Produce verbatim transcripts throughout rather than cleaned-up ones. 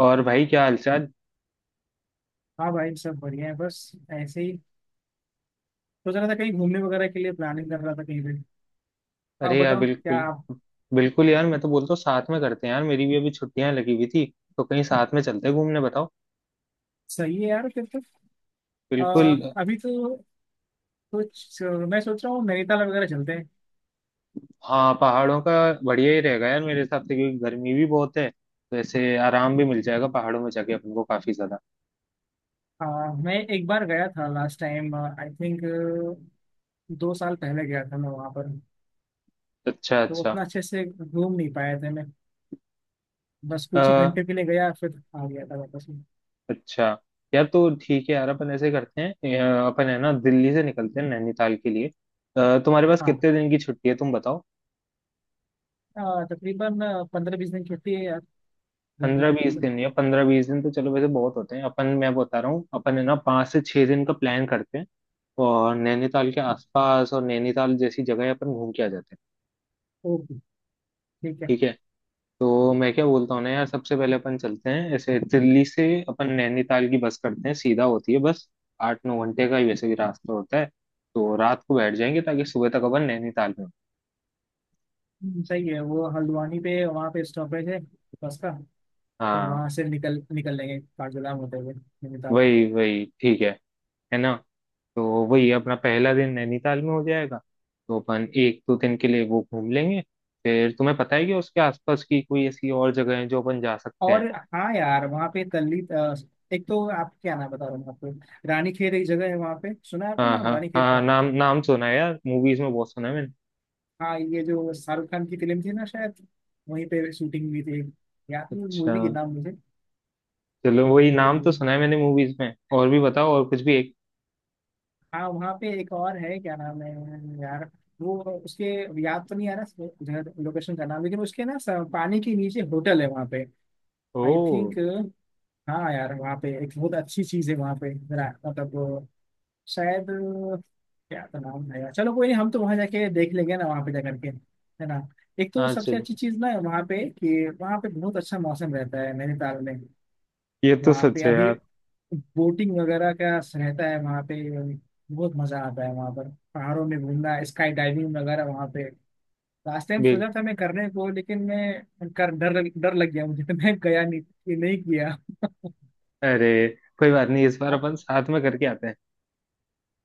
और भाई क्या हालचाल। हाँ भाई, सब बढ़िया है। बस ऐसे ही सोच रहा था, कहीं घूमने वगैरह के लिए प्लानिंग कर रहा था कहीं पे। आप अरे यार, बताओ, क्या बिल्कुल। आप। बिल्कुल यार, मैं तो बोलता हूँ साथ में करते हैं यार। मेरी भी अभी छुट्टियां लगी हुई थी तो कहीं साथ में चलते हैं घूमने, बताओ। सही है यार, फिर तो। आ, बिल्कुल। अभी तो कुछ मैं सोच रहा हूँ, नैनीताल वगैरह चलते हैं। हाँ, पहाड़ों का बढ़िया ही रहेगा यार मेरे हिसाब से, क्योंकि गर्मी भी बहुत है तो ऐसे आराम भी मिल जाएगा पहाड़ों में जाके, अपन को काफी ज्यादा। आ, मैं एक बार गया था लास्ट टाइम, आई थिंक दो साल पहले गया था मैं वहाँ पर। अच्छा तो अच्छा। उतना अच्छे से घूम नहीं पाया था मैं। बस अ, कुछ ही घंटे के लिए गया फिर आ गया था वापस में। अच्छा। यार, तो ठीक है यार, अपन ऐसे करते हैं। अ, अपन है ना दिल्ली से निकलते हैं नैनीताल के लिए। अ, तुम्हारे पास हाँ। कितने दिन की छुट्टी है तुम बताओ। आ, तकरीबन पंद्रह बीस दिन छुट्टी है यार, गर्मी पंद्रह छुट्टी बीस तो। दिन या पंद्रह बीस दिन तो चलो, वैसे बहुत होते हैं अपन। मैं बता रहा हूँ अपन है ना पाँच से छह दिन का प्लान करते हैं और नैनीताल के आसपास और नैनीताल जैसी जगह अपन घूम के आ जाते हैं। ओके, ठीक है। ठीक है। तो मैं क्या बोलता हूँ ना यार, सबसे पहले अपन चलते हैं ऐसे दिल्ली से। अपन नैनीताल की बस करते हैं, सीधा होती है बस। आठ नौ घंटे का ही वैसे भी रास्ता होता है। तो रात को बैठ जाएंगे ताकि सुबह तक अपन नैनीताल में हों। हम्म, सही है। वो हल्द्वानी पे वहाँ पे स्टॉपेज है बस का। फिर हाँ, वहां से निकल निकल लेंगे काठगोदाम होते हुए नैनीताल। वही वही ठीक है है ना। तो वही अपना पहला दिन नैनीताल में हो जाएगा। तो अपन एक दो दिन के लिए वो घूम लेंगे। फिर तुम्हें पता है कि उसके आसपास की कोई ऐसी और जगह है जो अपन जा सकते हैं। और हाँ यार, वहाँ पे तल्ली अ, एक तो आप, क्या नाम बता रहा हूँ आपको, रानी खेत एक जगह है वहाँ पे। सुना है आपने हाँ नाम हाँ रानी खेत हाँ, का? नाम नाम सुना है यार, मूवीज में बहुत सुना है मैंने। हाँ ये जो शाहरुख खान की फिल्म थी ना शायद, वहीं पे शूटिंग हुई थी। याद नहीं अच्छा, मूवी के नाम मुझे। चलो, वही नाम तो तो सुना है मैंने मूवीज में। और भी बताओ, और कुछ भी एक। हाँ, वहाँ पे एक और है, क्या नाम है यार वो, उसके, याद तो नहीं आ रहा जगह लोकेशन का नाम, लेकिन उसके ना स- पानी के नीचे होटल है वहाँ पे, ओ। I think. हाँ यार, वहाँ पे एक बहुत अच्छी चीज है। वहाँ पे मेरा- मतलब शायद अ, क्या तो नाम है यार। चलो कोई नहीं, हम तो वहाँ जाके देख लेंगे ना, वहाँ पे जा करके, है ना। एक तो हाँ सबसे चलो, अच्छी चीज ना है वहाँ पे कि वहाँ पे बहुत अच्छा मौसम रहता है नैनीताल में। ये तो वहाँ पे सच है अभी यार। बोटिंग वगैरह का रहता है वहाँ पे। बहुत मजा आता है वहाँ पर पहाड़ों में घूमना, स्काई डाइविंग वगैरह वहाँ पे। लास्ट टाइम बिल सोचा था मैं करने को, लेकिन मैं कर डर डर लग गया मुझे तो मैं गया नहीं, नहीं किया। अरे, कोई बात नहीं, इस बार आप, अपन साथ में करके आते हैं।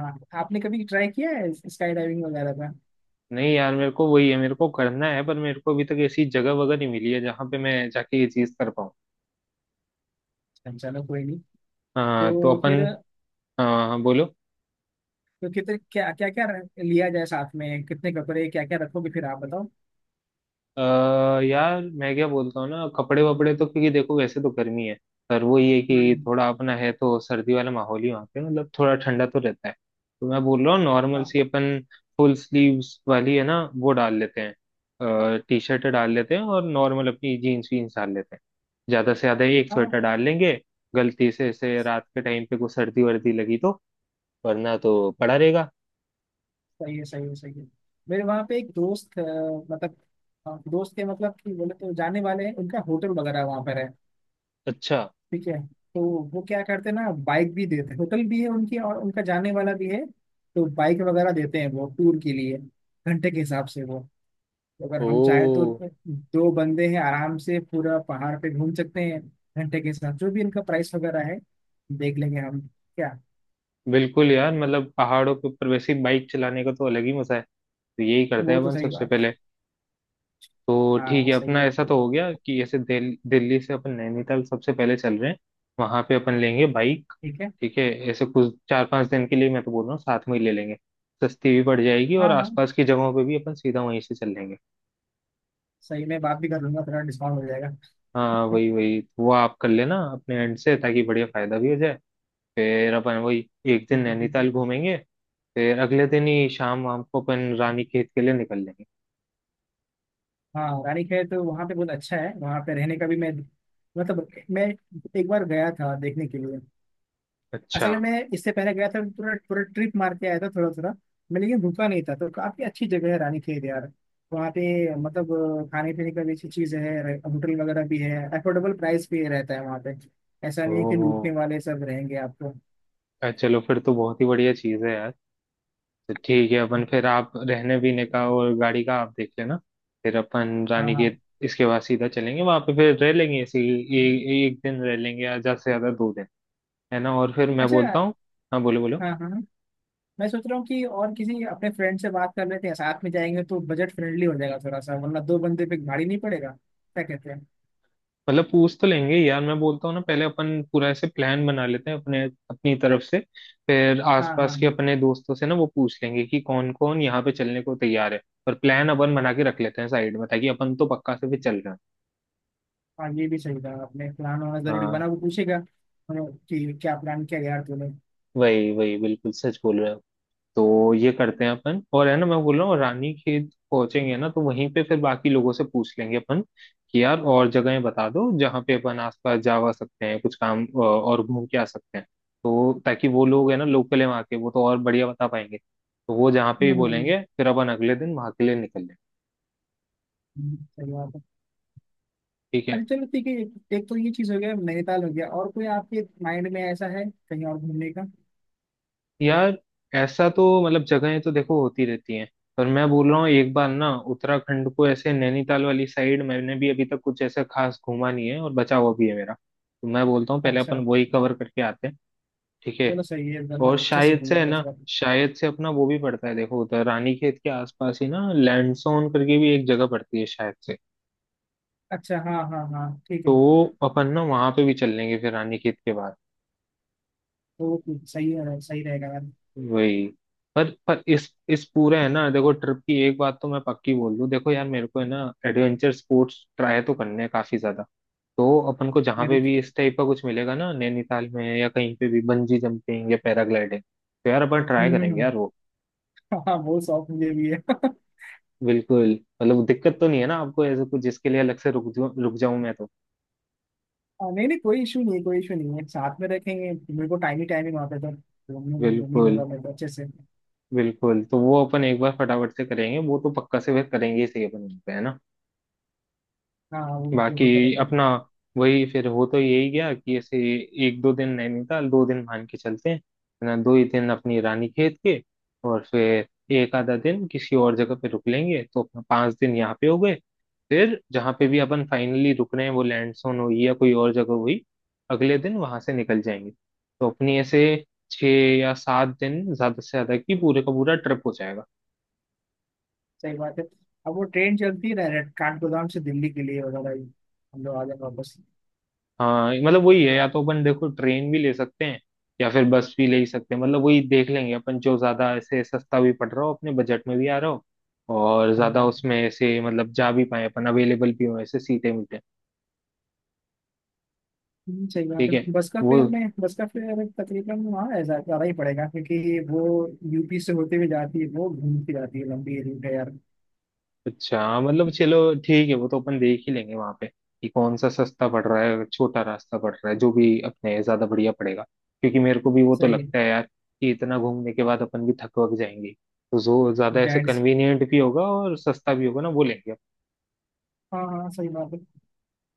हाँ, आपने कभी ट्राई किया है स्काई डाइविंग वगैरह का? नहीं यार, मेरे को वही है, मेरे को करना है, पर मेरे को अभी तक ऐसी जगह वगैरह नहीं मिली है जहाँ पे मैं जाके ये चीज कर पाऊँ। अच्छा, चलो कोई नहीं। हाँ तो तो अपन। फिर, हाँ हाँ, बोलो। तो कितने, क्या क्या क्या लिया जाए साथ में, कितने कपड़े क्या क्या रखोगे, फिर आप बताओ। आ, यार मैं क्या बोलता हूँ ना, कपड़े वपड़े तो, क्योंकि देखो वैसे तो गर्मी है पर वो ये कि हम्म। थोड़ा अपना है तो सर्दी वाला माहौल ही वहाँ पे, मतलब थोड़ा ठंडा तो रहता है। तो मैं बोल रहा हूँ नॉर्मल हाँ सी अपन फुल स्लीव्स वाली है ना वो डाल लेते हैं, टी शर्ट डाल लेते हैं और नॉर्मल अपनी जीन्स वीन्स डाल लेते हैं। ज़्यादा से ज़्यादा एक हाँ, स्वेटर डाल लेंगे, गलती से ऐसे रात के टाइम पे कोई सर्दी वर्दी लगी तो, वरना तो पड़ा रहेगा। सही है, सही है, सही है। मेरे वहाँ पे एक दोस्त अ, मतलब अ, दोस्त के मतलब कि बोले तो जाने वाले हैं, उनका होटल वगैरह वहाँ पर है। अच्छा। ठीक है। तो वो क्या करते हैं ना, बाइक भी देते हैं, होटल भी है उनकी, और उनका जाने वाला भी है, तो बाइक वगैरह देते हैं वो टूर के लिए घंटे के हिसाब से वो, अगर हम चाहे तो। ओ। दो बंदे हैं, आराम से पूरा पहाड़ पे घूम सकते हैं। घंटे के साथ जो भी इनका प्राइस वगैरह है देख लेंगे हम क्या। बिल्कुल यार, मतलब पहाड़ों के ऊपर वैसे ही बाइक चलाने का तो अलग ही मजा है। तो यही करते हैं वो तो अपन सही सबसे बात है। पहले। तो ठीक हाँ है, सही अपना है, ऐसा तो हो गया कि ऐसे दिल, दिल्ली से अपन नैनीताल सबसे पहले चल रहे हैं। वहां पे अपन लेंगे बाइक। ठीक है। ठीक है। ऐसे कुछ चार पांच दिन के लिए मैं तो बोल रहा हूँ साथ में ही ले लेंगे। सस्ती भी पड़ जाएगी और हाँ हाँ, आसपास की जगहों पे भी अपन सीधा वहीं से चल लेंगे। सही, मैं बात भी कर लूंगा, थोड़ा डिस्काउंट हो जाएगा। हाँ वही वही, वो आप कर लेना अपने एंड से ताकि बढ़िया फायदा भी हो जाए। फिर अपन वही एक दिन ठीक है, ठीक है। नैनीताल घूमेंगे। फिर अगले दिन ही शाम वाम को अपन रानी खेत के लिए निकल लेंगे। हाँ रानीखेत तो वहाँ पे बहुत अच्छा है, वहाँ पे रहने का भी। मैं मतलब मैं एक बार गया था देखने के लिए। अच्छा। असल में मैं इससे पहले गया था, पूरा पूरा ट्रिप मार के आया था थोड़ा थोड़ा मैं, लेकिन रुका नहीं था। तो काफी अच्छी जगह है रानी खेत यार। वहाँ पे मतलब अ, खाने पीने का भी अच्छी चीज है, होटल वगैरह भी है अफोर्डेबल प्राइस पे रहता है वहाँ पे। ऐसा ओ। नहीं है कि लूटने वाले सब रहेंगे आपको। अ, चलो फिर तो बहुत ही बढ़िया चीज़ है यार। तो ठीक है अपन, फिर आप रहने पीने का और गाड़ी का आप देख लेना। फिर अपन हाँ रानी हाँ। के इसके बाद सीधा चलेंगे वहां पे, फिर रह लेंगे ऐसे ही, ए, ए, एक दिन रह लेंगे या ज्यादा से ज्यादा दो दिन, है ना। और फिर मैं अच्छा, बोलता हूँ। हाँ बोलो बोलो। हाँ हाँ हाँ, मैं सोच रहा हूँ कि और किसी अपने फ्रेंड से बात कर लेते हैं, साथ में जाएंगे तो बजट फ्रेंडली हो जाएगा थोड़ा सा, वरना दो बंदे पे भारी नहीं पड़ेगा, क्या कहते हैं। मतलब पूछ तो लेंगे यार, मैं बोलता हूँ ना, पहले अपन पूरा ऐसे प्लान बना लेते हैं अपने, अपनी तरफ से। फिर हाँ हाँ आसपास के हाँ। अपने दोस्तों से ना वो पूछ लेंगे कि कौन कौन यहाँ पे चलने को तैयार है। और प्लान अपन बना के रख लेते हैं साइड में ताकि अपन तो पक्का से भी चल रहे हैं। हाँ ये भी सही कहा आपने, प्लान होना जरूरी, हाँ बना वो पूछेगा हाँ, कि क्या प्लान किया यार तूने। वही वही, बिल्कुल सच बोल रहे हो। तो ये करते हैं अपन, और है ना, मैं बोल रहा हूँ रानी खेत पहुंचेंगे ना, तो वहीं पे फिर बाकी लोगों से पूछ लेंगे अपन कि यार और जगहें बता दो जहाँ पे अपन आसपास जा वा सकते हैं, कुछ काम अ, और घूम के आ सकते हैं। तो ताकि वो लोग, है ना, लोकल है वहाँ के, वो तो और बढ़िया बता पाएंगे। तो वो जहाँ पे भी हम्म। बोलेंगे फिर अपन अगले दिन वहाँ के लिए निकल लें। हम्म, सही बात है। ठीक है। अरे चलो ठीक है, एक, एक तो ये चीज हो गया, नैनीताल हो गया। और कोई आपके माइंड में ऐसा है कहीं और घूमने का? यार ऐसा तो, मतलब जगहें तो देखो होती रहती हैं, पर मैं बोल रहा हूँ एक बार ना, उत्तराखंड को ऐसे नैनीताल वाली साइड मैंने भी अभी तक कुछ ऐसा खास घूमा नहीं है और बचा हुआ भी है मेरा, तो मैं बोलता हूँ पहले अपन अच्छा, वही कवर करके आते हैं। ठीक है। चलो सही है, इधर मैं और अच्छे से शायद घूम से, है लूंगा इस ना, बार। शायद से अपना वो भी पड़ता है देखो, उधर रानीखेत के आसपास ही ना, लैंडसोन करके भी एक जगह पड़ती है शायद से। अच्छा हाँ हाँ हाँ, ठीक तो है। अपन ना वहां पे भी चल लेंगे फिर रानीखेत के बाद। ओके, सही है, सही रहेगा यार। वही, पर पर इस इस पूरे, है ना, देखो ट्रिप की एक बात तो मैं पक्की बोल दूं, देखो यार, मेरे को है ना एडवेंचर स्पोर्ट्स ट्राई तो करने हैं काफी ज्यादा। तो अपन को जहाँ मेरे, पे भी इस टाइप का कुछ मिलेगा ना, नैनीताल में या कहीं पे भी, बंजी जंपिंग या पैराग्लाइडिंग, तो यार अपन हम्म ट्राई हम्म, करेंगे हम्म, यार वो। हाँ वो शौक मुझे भी है बिल्कुल। मतलब दिक्कत तो नहीं है ना आपको ऐसे कुछ, जिसके लिए अलग से रुक जाऊं रुक जाऊं मैं तो। हाँ, नहीं नहीं कोई इशू नहीं है, कोई इशू नहीं है, साथ में रखेंगे मेरे को, टाइम ही टाइम ही वहाँ पे तो घूमने घूमने बिल्कुल मिलूंगा मेरे को अच्छे से। बिल्कुल, तो वो अपन एक बार फटाफट से करेंगे, वो तो पक्का से फिर करेंगे ही सही अपन वहीं पे, है ना। हाँ वो जरूर बाकी करेंगे। अपना वही, फिर हो तो यही गया कि ऐसे एक दो दिन नैनीताल, दो दिन मान के चलते हैं है ना, दो ही दिन अपनी रानीखेत के। और फिर एक आधा दिन किसी और जगह पे रुक लेंगे, तो अपना पांच दिन यहाँ पे हो गए। फिर जहाँ पे भी अपन फाइनली रुक रहे हैं, वो लैंड सोन हुई या कोई और जगह हुई, अगले दिन वहां से निकल जाएंगे। तो अपनी ऐसे छः या सात दिन ज्यादा से ज्यादा की पूरे का पूरा ट्रिप हो जाएगा। सही बात है। अब वो ट्रेन चलती है ना काठगोदाम से दिल्ली के लिए वगैरह ही, हम लोग आ जाए वापस। हाँ मतलब वही है, या तो अपन देखो ट्रेन भी ले सकते हैं या फिर बस भी ले ही सकते हैं, मतलब वही देख लेंगे अपन, जो ज्यादा ऐसे सस्ता भी पड़ रहा हो, अपने बजट में भी आ रहा हो, और हाँ ज्यादा हाँ। उसमें ऐसे मतलब जा भी पाए अपन, अवेलेबल भी हो ऐसे सीटे मीटे। हम्म, सही बात ठीक है। है। बस का वो। फेयर में बस का फेयर तकरीबन हाँ ऐसा ज्यादा ही पड़ेगा, क्योंकि वो यू पी से होते हुए जाती है, वो घूमती जाती है, लंबी रूट है यार। अच्छा हाँ, मतलब चलो, ठीक है वो तो अपन देख ही लेंगे वहां पे कि कौन सा सस्ता पड़ रहा है, छोटा रास्ता पड़ रहा है, जो भी अपने ज्यादा बढ़िया पड़ेगा, क्योंकि मेरे को भी वो तो सही। लगता है यार कि इतना घूमने के बाद अपन भी थक वक जाएंगे। तो जो ज्यादा ऐसे जाइंट्स। कन्वीनियंट भी होगा और सस्ता भी होगा ना, वो लेंगे अपन। हाँ हाँ, सही बात है।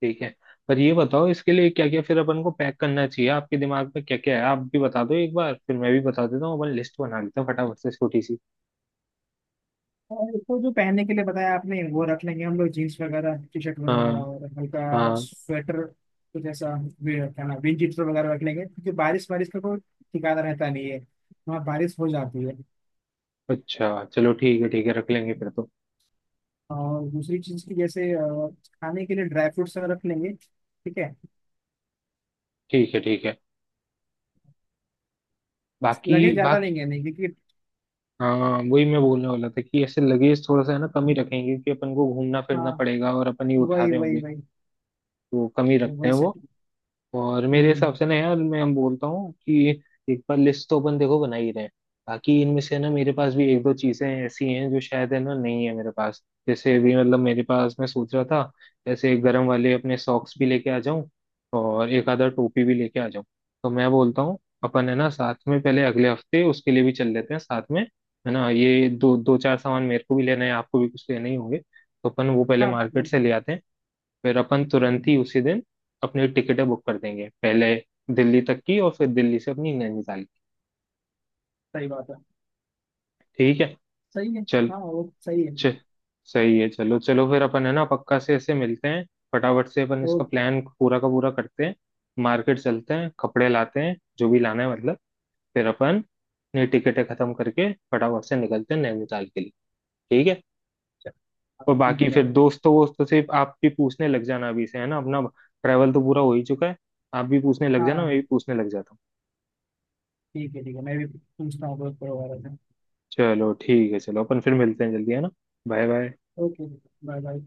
ठीक है। पर ये बताओ, इसके लिए क्या क्या फिर अपन को पैक करना चाहिए? आपके दिमाग में क्या क्या है आप भी बता दो एक बार, फिर मैं भी बता देता हूँ, अपन लिस्ट बना लेते हैं फटाफट से, छोटी सी। और तो जो पहनने के लिए बताया आपने वो रख लेंगे हम लोग, जीन्स वगैरह, टी शर्ट वगैरह हाँ। और हल्का हाँ। स्वेटर कुछ ऐसा। वे- क्या नाम, विंड चीटर वगैरह रख लेंगे, क्योंकि बारिश बारिश का कोई ठिकाना रहता नहीं है, वहाँ बारिश हो जाती है। अच्छा चलो, ठीक है, ठीक है रख लेंगे फिर तो। और दूसरी चीज़ की जैसे अ, खाने के लिए ड्राई फ्रूट्स रख लेंगे, ठीक है। ठीक है ठीक है। बाकी लगे ज़्यादा बाकी नहीं है, नहीं क्योंकि, हाँ वही मैं बोलने वाला था कि ऐसे लगेज थोड़ा सा है ना कम ही रखेंगे, कि अपन को घूमना हाँ फिरना पड़ेगा और अपन ही उठा वही रहे वही होंगे। वही तो कम ही रखते वही हैं से। वो। और मेरे हिसाब हम्म, से ना यार, मैं हम बोलता हूँ कि एक बार लिस्ट तो अपन देखो बना ही रहे हैं। बाकी इनमें से ना मेरे पास भी एक दो चीजें ऐसी हैं जो शायद है ना नहीं है मेरे पास। जैसे अभी, मतलब मेरे पास, मैं सोच रहा था, जैसे गर्म वाले अपने सॉक्स भी लेके आ जाऊं, और एक आधा टोपी भी लेके आ जाऊं। तो मैं बोलता हूँ अपन है ना साथ में, पहले अगले हफ्ते उसके लिए भी चल लेते हैं साथ में, है ना। ये दो दो चार सामान मेरे को भी लेना है, आपको भी कुछ लेना ही होंगे। तो अपन वो पहले हाँ मार्केट से ले आते हैं। फिर अपन तुरंत ही उसी दिन अपनी टिकटें बुक कर देंगे, पहले दिल्ली तक की और फिर दिल्ली से अपनी नैनीताल की। सही बात है। ठीक है। सही है। चल हाँ वो सही है। च सही है चलो चलो, फिर अपन है ना पक्का से ऐसे मिलते हैं। फटाफट से अपन तो इसका प्लान पूरा का पूरा करते हैं, मार्केट चलते हैं, कपड़े लाते हैं, जो भी लाना है मतलब। फिर अपन अपनी टिकटें खत्म करके फटाफट से निकलते हैं नैनीताल के लिए। ठीक है। चल, हाँ, और ठीक बाकी है फिर भाई। दोस्तों वोस्तों से आप भी पूछने लग जाना अभी से, है ना, अपना ट्रैवल तो पूरा हो ही चुका है। आप भी पूछने लग जाना, मैं भी हाँ पूछने लग जाता हूँ। ठीक है ठीक है, मैं भी पूछता हूँ बहुत परिवार में। चलो ठीक है, चलो अपन फिर मिलते हैं जल्दी, है ना। Bye bye. Okay, bye bye.